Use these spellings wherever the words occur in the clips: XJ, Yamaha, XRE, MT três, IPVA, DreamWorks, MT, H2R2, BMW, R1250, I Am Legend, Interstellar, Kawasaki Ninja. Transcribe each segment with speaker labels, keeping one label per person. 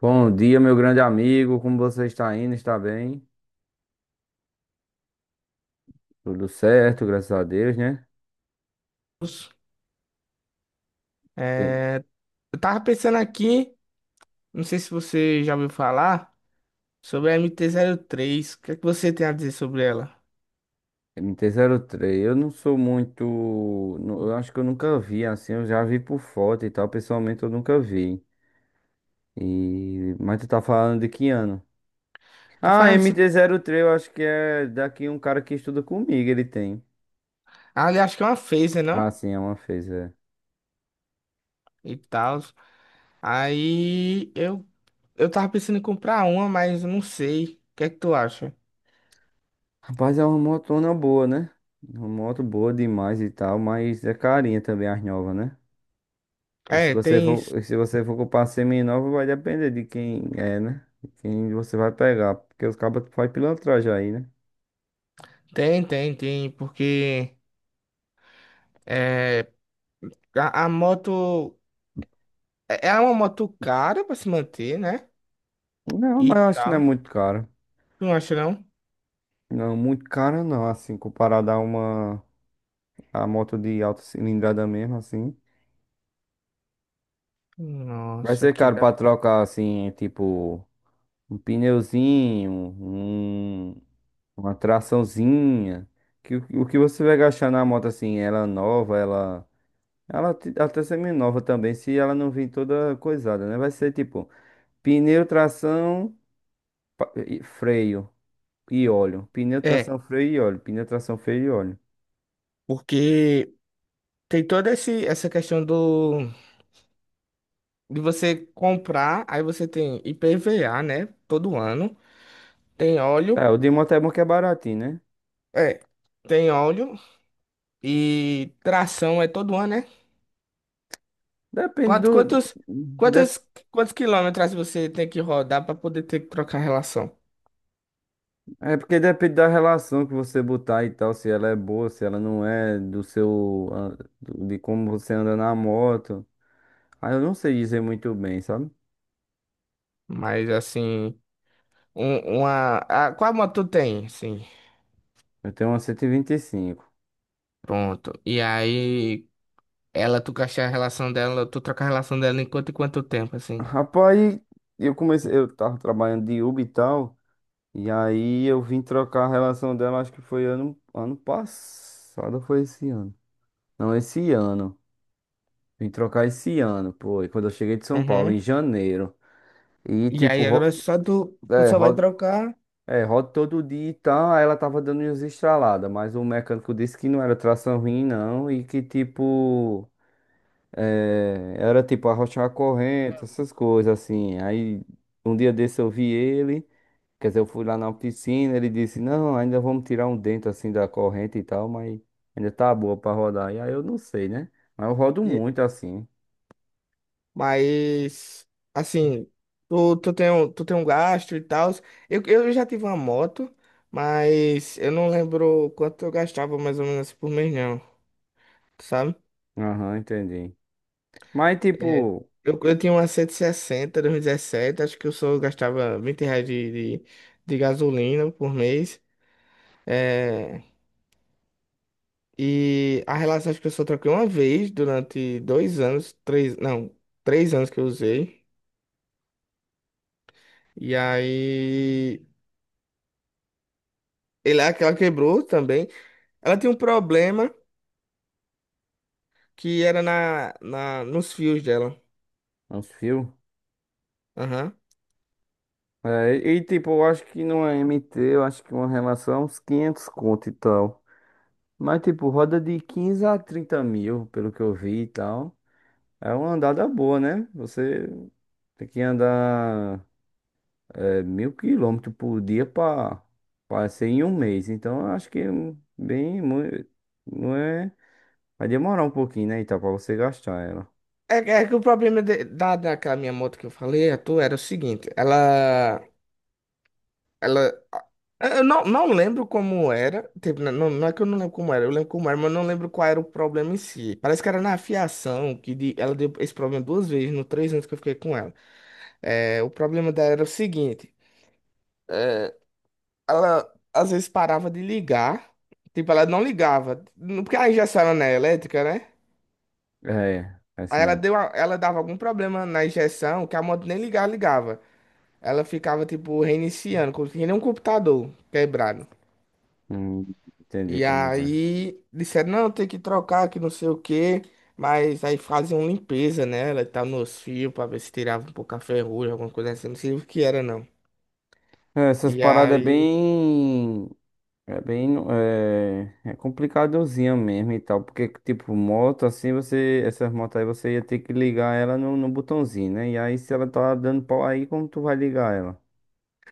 Speaker 1: Bom dia, meu grande amigo. Como você está indo? Está bem? Tudo certo, graças a Deus, né? E-
Speaker 2: É, eu tava pensando aqui, não sei se você já ouviu falar, sobre a MT-03. O que é que você tem a dizer sobre ela?
Speaker 1: M T zero três. Eu não sou muito. Nu- Eu acho que eu nunca vi assim. Eu já vi por foto e tal. Pessoalmente, eu nunca vi. Mas tu tá falando de que ano?
Speaker 2: Tô
Speaker 1: Ah,
Speaker 2: falando se...
Speaker 1: mt três. Eu acho que é daqui um cara que estuda comigo. Ele tem.
Speaker 2: Ah, eu acho que é uma phaser, não?
Speaker 1: Ah, sim, é uma fez, é.
Speaker 2: E tal. Aí eu tava pensando em comprar uma, mas eu não sei. O que é que tu acha?
Speaker 1: Rapaz, é uma motona boa, né? Uma moto boa demais e tal. Mas é carinha também, as novas, né? E se
Speaker 2: É,
Speaker 1: você
Speaker 2: tem
Speaker 1: for,
Speaker 2: isso.
Speaker 1: e se você for comprar seminova, vai depender de quem é, né? De quem você vai pegar. Porque os cabos fazem pilantragem aí, né?
Speaker 2: Tem, porque é, a moto é uma moto cara pra se manter, né?
Speaker 1: Não,
Speaker 2: E
Speaker 1: mas eu acho que não é
Speaker 2: tal.
Speaker 1: muito caro.
Speaker 2: Tu não acha não?
Speaker 1: Não, muito caro não, assim, comparado a uma a moto de alta cilindrada mesmo, assim. Vai
Speaker 2: Nossa,
Speaker 1: ser
Speaker 2: que
Speaker 1: caro
Speaker 2: da.
Speaker 1: pra trocar, assim, tipo, um pneuzinho, um, uma traçãozinha. O que você vai gastar na moto, assim, ela nova, até semi-nova também, se ela não vir toda coisada, né? Vai ser tipo pneu, tração, freio e óleo. Pneu,
Speaker 2: É,
Speaker 1: tração, freio e óleo. Pneu, tração, freio e óleo.
Speaker 2: porque tem toda essa questão de você comprar, aí você tem IPVA, né? Todo ano. Tem óleo,
Speaker 1: É, o de moto é bom que é baratinho, né?
Speaker 2: é, tem óleo e tração é todo ano, né?
Speaker 1: Depende
Speaker 2: Quantos,
Speaker 1: do.
Speaker 2: quantos,
Speaker 1: de-
Speaker 2: quantos, quantos quilômetros você tem que rodar para poder ter que trocar a relação?
Speaker 1: é porque depende da relação que você botar e tal, se ela é boa, se ela não é, do seu. De como você anda na moto. Ah, eu não sei dizer muito bem, sabe?
Speaker 2: Mas assim, qual moto tu tem? Sim,
Speaker 1: Eu tenho uma cento e vinte e cinco.
Speaker 2: pronto. E aí, tu gastar a relação dela, tu troca a relação dela em quanto e quanto tempo, assim?
Speaker 1: Rapaz, eu comecei, eu tava trabalhando de Uber e tal. E aí eu vim trocar a relação dela, acho que foi ano passado, ou foi esse ano. Não, esse ano. Vim trocar esse ano, pô, e quando eu cheguei de São Paulo, em
Speaker 2: Uhum.
Speaker 1: janeiro. E
Speaker 2: E
Speaker 1: tipo,
Speaker 2: aí agora é
Speaker 1: ro-
Speaker 2: só tu
Speaker 1: É,
Speaker 2: só vai trocar,
Speaker 1: roda todo dia e tal, aí ela tava dando umas estraladas, mas o mecânico disse que não era tração ruim, não, e que tipo, era tipo arrochar a corrente, essas coisas assim. Aí um dia desse eu vi ele. Quer dizer, eu fui lá na piscina, ele disse, não, ainda vamos tirar um dente assim da corrente e tal, mas ainda tá boa pra rodar. E aí eu não sei, né? Mas eu rodo
Speaker 2: e-
Speaker 1: muito assim.
Speaker 2: mas assim, tu tem um gasto e tal. Eu já tive uma moto, mas eu não lembro quanto eu gastava mais ou menos por mês não, sabe?
Speaker 1: Aham, entendi. Mas
Speaker 2: É,
Speaker 1: tipo,
Speaker 2: eu tinha uma 160 2017. Acho que eu só gastava R$ 20 de gasolina por mês. É, e a relação acho que eu só troquei uma vez durante 2 anos, três, não, 3 anos que eu usei. E aí, é aquela quebrou também. Ela tinha um problema que era nos fios dela.
Speaker 1: uns fios.
Speaker 2: Aham.
Speaker 1: Tipo, eu acho que não é MT, eu acho que uma relação é uns 500 conto e tal. Mas tipo, roda de 15 a 30 mil, pelo que eu vi e tal. É uma andada boa, né? Você tem que andar. É 1.000 quilômetros por dia para ser em um mês. Então, eu acho que é não é. Vai demorar um pouquinho, né? Então, para você gastar ela.
Speaker 2: É que o problema daquela minha moto que eu falei, a tua, era o seguinte. Ela, eu não lembro como era. Tipo, não é que eu não lembro como era, eu lembro como era, mas eu não lembro qual era o problema em si. Parece que era na fiação, ela deu esse problema 2 vezes, no 3 anos que eu fiquei com ela. É, o problema dela era o seguinte. Ela às vezes parava de ligar. Tipo, ela não ligava. Porque a injeção era, né, elétrica, né?
Speaker 1: É,
Speaker 2: Aí ela
Speaker 1: assim,
Speaker 2: deu a- ela dava algum problema na injeção que a moto nem ligava. Ela ficava, tipo, reiniciando, como se nem um computador quebrado.
Speaker 1: hum, entendi
Speaker 2: E
Speaker 1: como é.
Speaker 2: aí disseram, não, tem que trocar, que não sei o quê. Mas aí faziam limpeza nela e tal, nos fios, pra ver se tirava um pouco a ferrugem, alguma coisa assim. Não sei o que era, não.
Speaker 1: Essas
Speaker 2: E
Speaker 1: paradas é
Speaker 2: aí.
Speaker 1: bem. Bem. É, é complicadozinha mesmo e tal. Porque, tipo, moto, assim, você. Essas motos aí você ia ter que ligar ela no botãozinho, né? E aí, se ela tá dando pau aí, como tu vai ligar ela?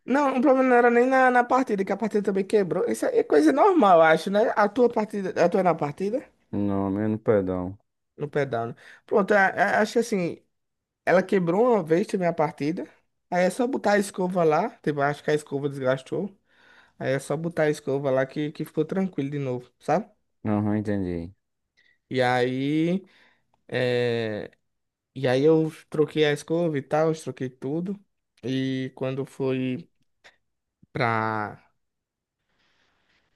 Speaker 2: Não, o problema não era nem na partida, que a partida também quebrou. Isso é coisa normal, eu acho, né? A tua é na partida?
Speaker 1: Não, menos pedal.
Speaker 2: No pedal, né? Pronto, acho que assim, ela quebrou uma vez também a partida. Aí é só botar a escova lá. Tipo, acho que a escova desgastou. Aí é só botar a escova lá que ficou tranquilo de novo, sabe?
Speaker 1: Aham, entendi.
Speaker 2: E aí, é, e aí, eu troquei a escova e tal, eu troquei tudo. E quando foi pra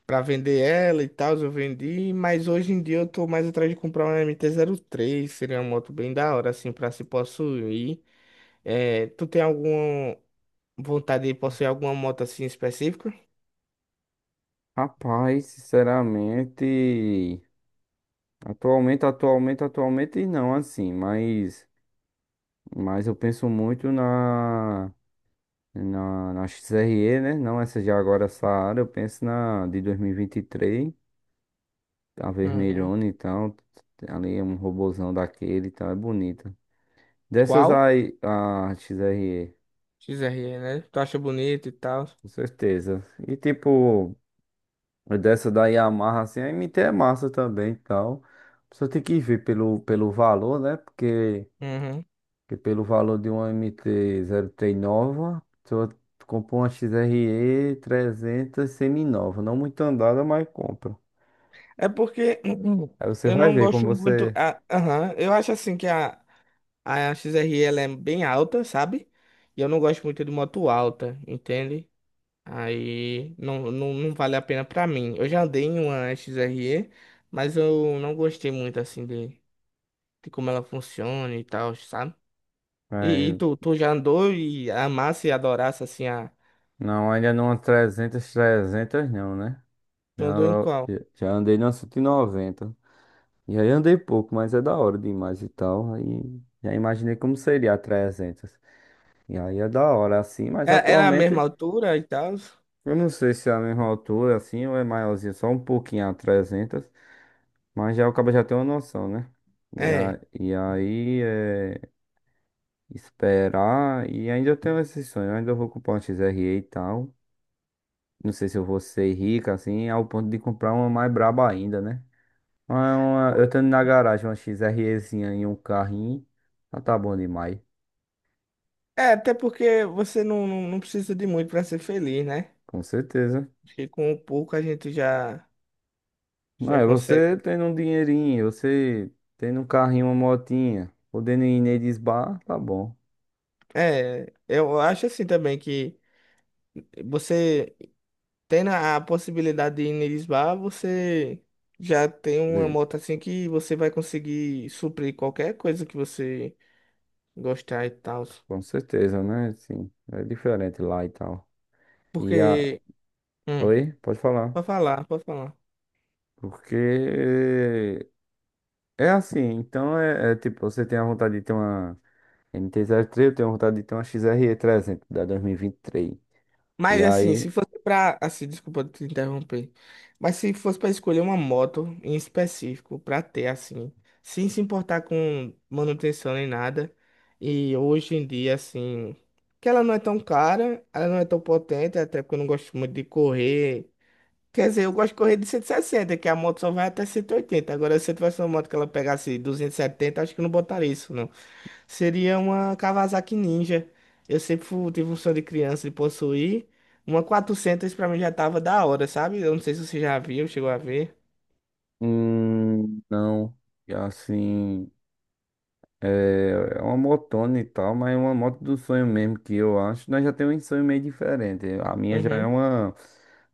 Speaker 2: pra vender ela e tal, eu vendi, mas hoje em dia eu tô mais atrás de comprar uma MT-03. Seria uma moto bem da hora, assim, pra se possuir. É, tu tem alguma vontade de possuir alguma moto assim específica?
Speaker 1: Rapaz, sinceramente, atualmente não, assim, mas eu penso muito na XRE, né? Não essa de agora, essa área, eu penso na de dois mil e vinte e três, a
Speaker 2: Uhum.
Speaker 1: vermelhona, então, ali é um robozão daquele, então é bonita. Dessas
Speaker 2: Qual?
Speaker 1: aí, a XRE,
Speaker 2: XRE, né? Tu acha bonito e tal?
Speaker 1: com certeza. E tipo, dessa da Yamaha, assim, a MT é massa também e tal. Só tem que ver pelo valor, né?
Speaker 2: Uhum.
Speaker 1: Porque pelo valor de uma mt três nova, tu compra uma XRE 300 semi-nova. Não muito andada, mas compra.
Speaker 2: É porque
Speaker 1: Aí você
Speaker 2: eu
Speaker 1: vai
Speaker 2: não
Speaker 1: ver como
Speaker 2: gosto muito.
Speaker 1: você...
Speaker 2: Aham. Eu acho assim que A XRE ela é bem alta, sabe? E eu não gosto muito de moto alta, entende? Aí não vale a pena pra mim. Eu já andei em uma XRE, mas eu não gostei muito assim de como ela funciona e tal, sabe? E
Speaker 1: vai-
Speaker 2: tu já andou e amasse e adorasse assim a.
Speaker 1: não, ainda não é 300, não, né?
Speaker 2: Tu andou em
Speaker 1: Já,
Speaker 2: qual?
Speaker 1: Já andei na cento e noventa, e aí andei pouco, mas é da hora demais e tal. Aí já imaginei como seria a 300. E aí é da hora, assim, mas
Speaker 2: Era a mesma
Speaker 1: atualmente
Speaker 2: altura e tal?
Speaker 1: eu não sei se é a mesma altura, assim, ou é maiorzinho, só um pouquinho a 300, mas já acaba já tem uma noção, né?
Speaker 2: É.
Speaker 1: E aí é esperar, e ainda eu tenho esse sonho, eu vou comprar um X-R e tal. Não sei se eu vou ser rico, assim, ao ponto de comprar uma mais braba ainda, né? Mas é uma- eu tendo na garagem uma XREzinha e um carrinho, já tá bom demais,
Speaker 2: É, até porque você não precisa de muito pra ser feliz, né?
Speaker 1: com certeza.
Speaker 2: Acho que com pouco a gente já
Speaker 1: Ah, você
Speaker 2: consegue.
Speaker 1: tendo um dinheirinho, você tendo um carrinho, uma motinha, podendo ir neles bar, tá bom.
Speaker 2: É, eu acho assim também que você tendo a possibilidade de ir em Lisboa, você já tem uma
Speaker 1: De-
Speaker 2: moto assim que você vai conseguir suprir qualquer coisa que você gostar e tal.
Speaker 1: Com certeza, né? Sim, é diferente lá e tal. E a...
Speaker 2: Porque, hum,
Speaker 1: Oi, pode falar.
Speaker 2: pode falar, pode falar.
Speaker 1: Porque é assim, é tipo, você tem a vontade de ter uma mt três, eu tenho vontade de ter uma XR300 da 2023. E vinte e três. E
Speaker 2: Mas assim, se
Speaker 1: aí,
Speaker 2: fosse pra. Assim, desculpa te interromper. Mas se fosse pra escolher uma moto em específico pra ter, assim, sem se importar com manutenção nem nada. E hoje em dia, assim, que ela não é tão cara, ela não é tão potente, até porque eu não gosto muito de correr. Quer dizer, eu gosto de correr de 160, que a moto só vai até 180. Agora, se eu tivesse uma moto que ela pegasse 270, acho que eu não botaria isso. Seria uma Kawasaki Ninja. Eu sempre tive um sonho de criança de possuir. Uma 400 pra mim já tava da hora, sabe? Eu não sei se você já viu, chegou a ver.
Speaker 1: não, e assim... É é uma motona e tal, mas é uma moto do sonho mesmo que eu acho. Nós já temos um sonho meio diferente. A minha já é
Speaker 2: Uhum.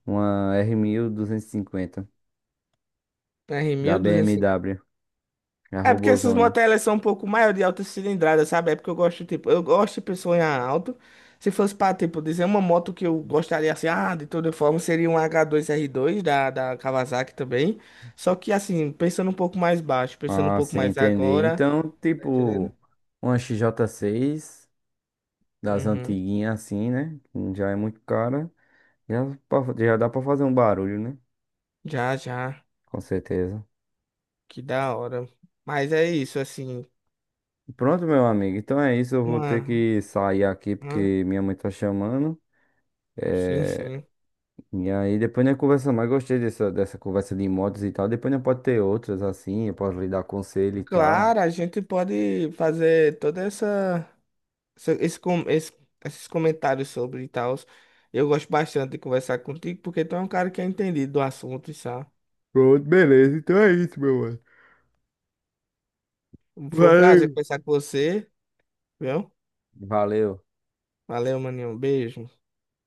Speaker 1: uma r mil duzentos e cinquenta da
Speaker 2: R1250.
Speaker 1: BMW, a
Speaker 2: É porque essas
Speaker 1: robozona.
Speaker 2: motos elas são um pouco maior de alta cilindrada, sabe? É porque eu gosto, tipo, eu gosto de pessoa em alto. Se fosse pra, tipo, dizer uma moto que eu gostaria, assim, de toda forma, seria um H2R2 da Kawasaki também. Só que, assim, pensando um pouco mais baixo, pensando um
Speaker 1: Ah,
Speaker 2: pouco
Speaker 1: sim,
Speaker 2: mais
Speaker 1: entendi.
Speaker 2: agora.
Speaker 1: Então,
Speaker 2: Tá entendendo?
Speaker 1: tipo, uma xj seis das
Speaker 2: Uhum.
Speaker 1: antiguinhas assim, né? Já é muito cara. Já, já dá pra fazer um barulho, né?
Speaker 2: Já, já.
Speaker 1: Com certeza.
Speaker 2: Que da hora. Mas é isso, assim,
Speaker 1: Pronto, meu amigo. Então é isso. Eu vou ter
Speaker 2: uma,
Speaker 1: que sair aqui
Speaker 2: uma-
Speaker 1: porque minha mãe tá chamando.
Speaker 2: sim,
Speaker 1: É,
Speaker 2: sim.
Speaker 1: e aí depois nós conversa mais, gostei dessa conversa de motos e tal. Depois nós pode ter outras assim, eu posso lhe dar conselho e tal.
Speaker 2: Claro, a gente pode fazer toda essa- esse, com- esse- esses comentários sobre e tal. Eu gosto bastante de conversar contigo, porque tu é um cara que é entendido do assunto, sabe?
Speaker 1: Pronto, beleza. Então é isso, meu mano.
Speaker 2: Foi um prazer
Speaker 1: Valeu.
Speaker 2: conversar com você, viu?
Speaker 1: Valeu.
Speaker 2: Valeu, maninho. Um beijo.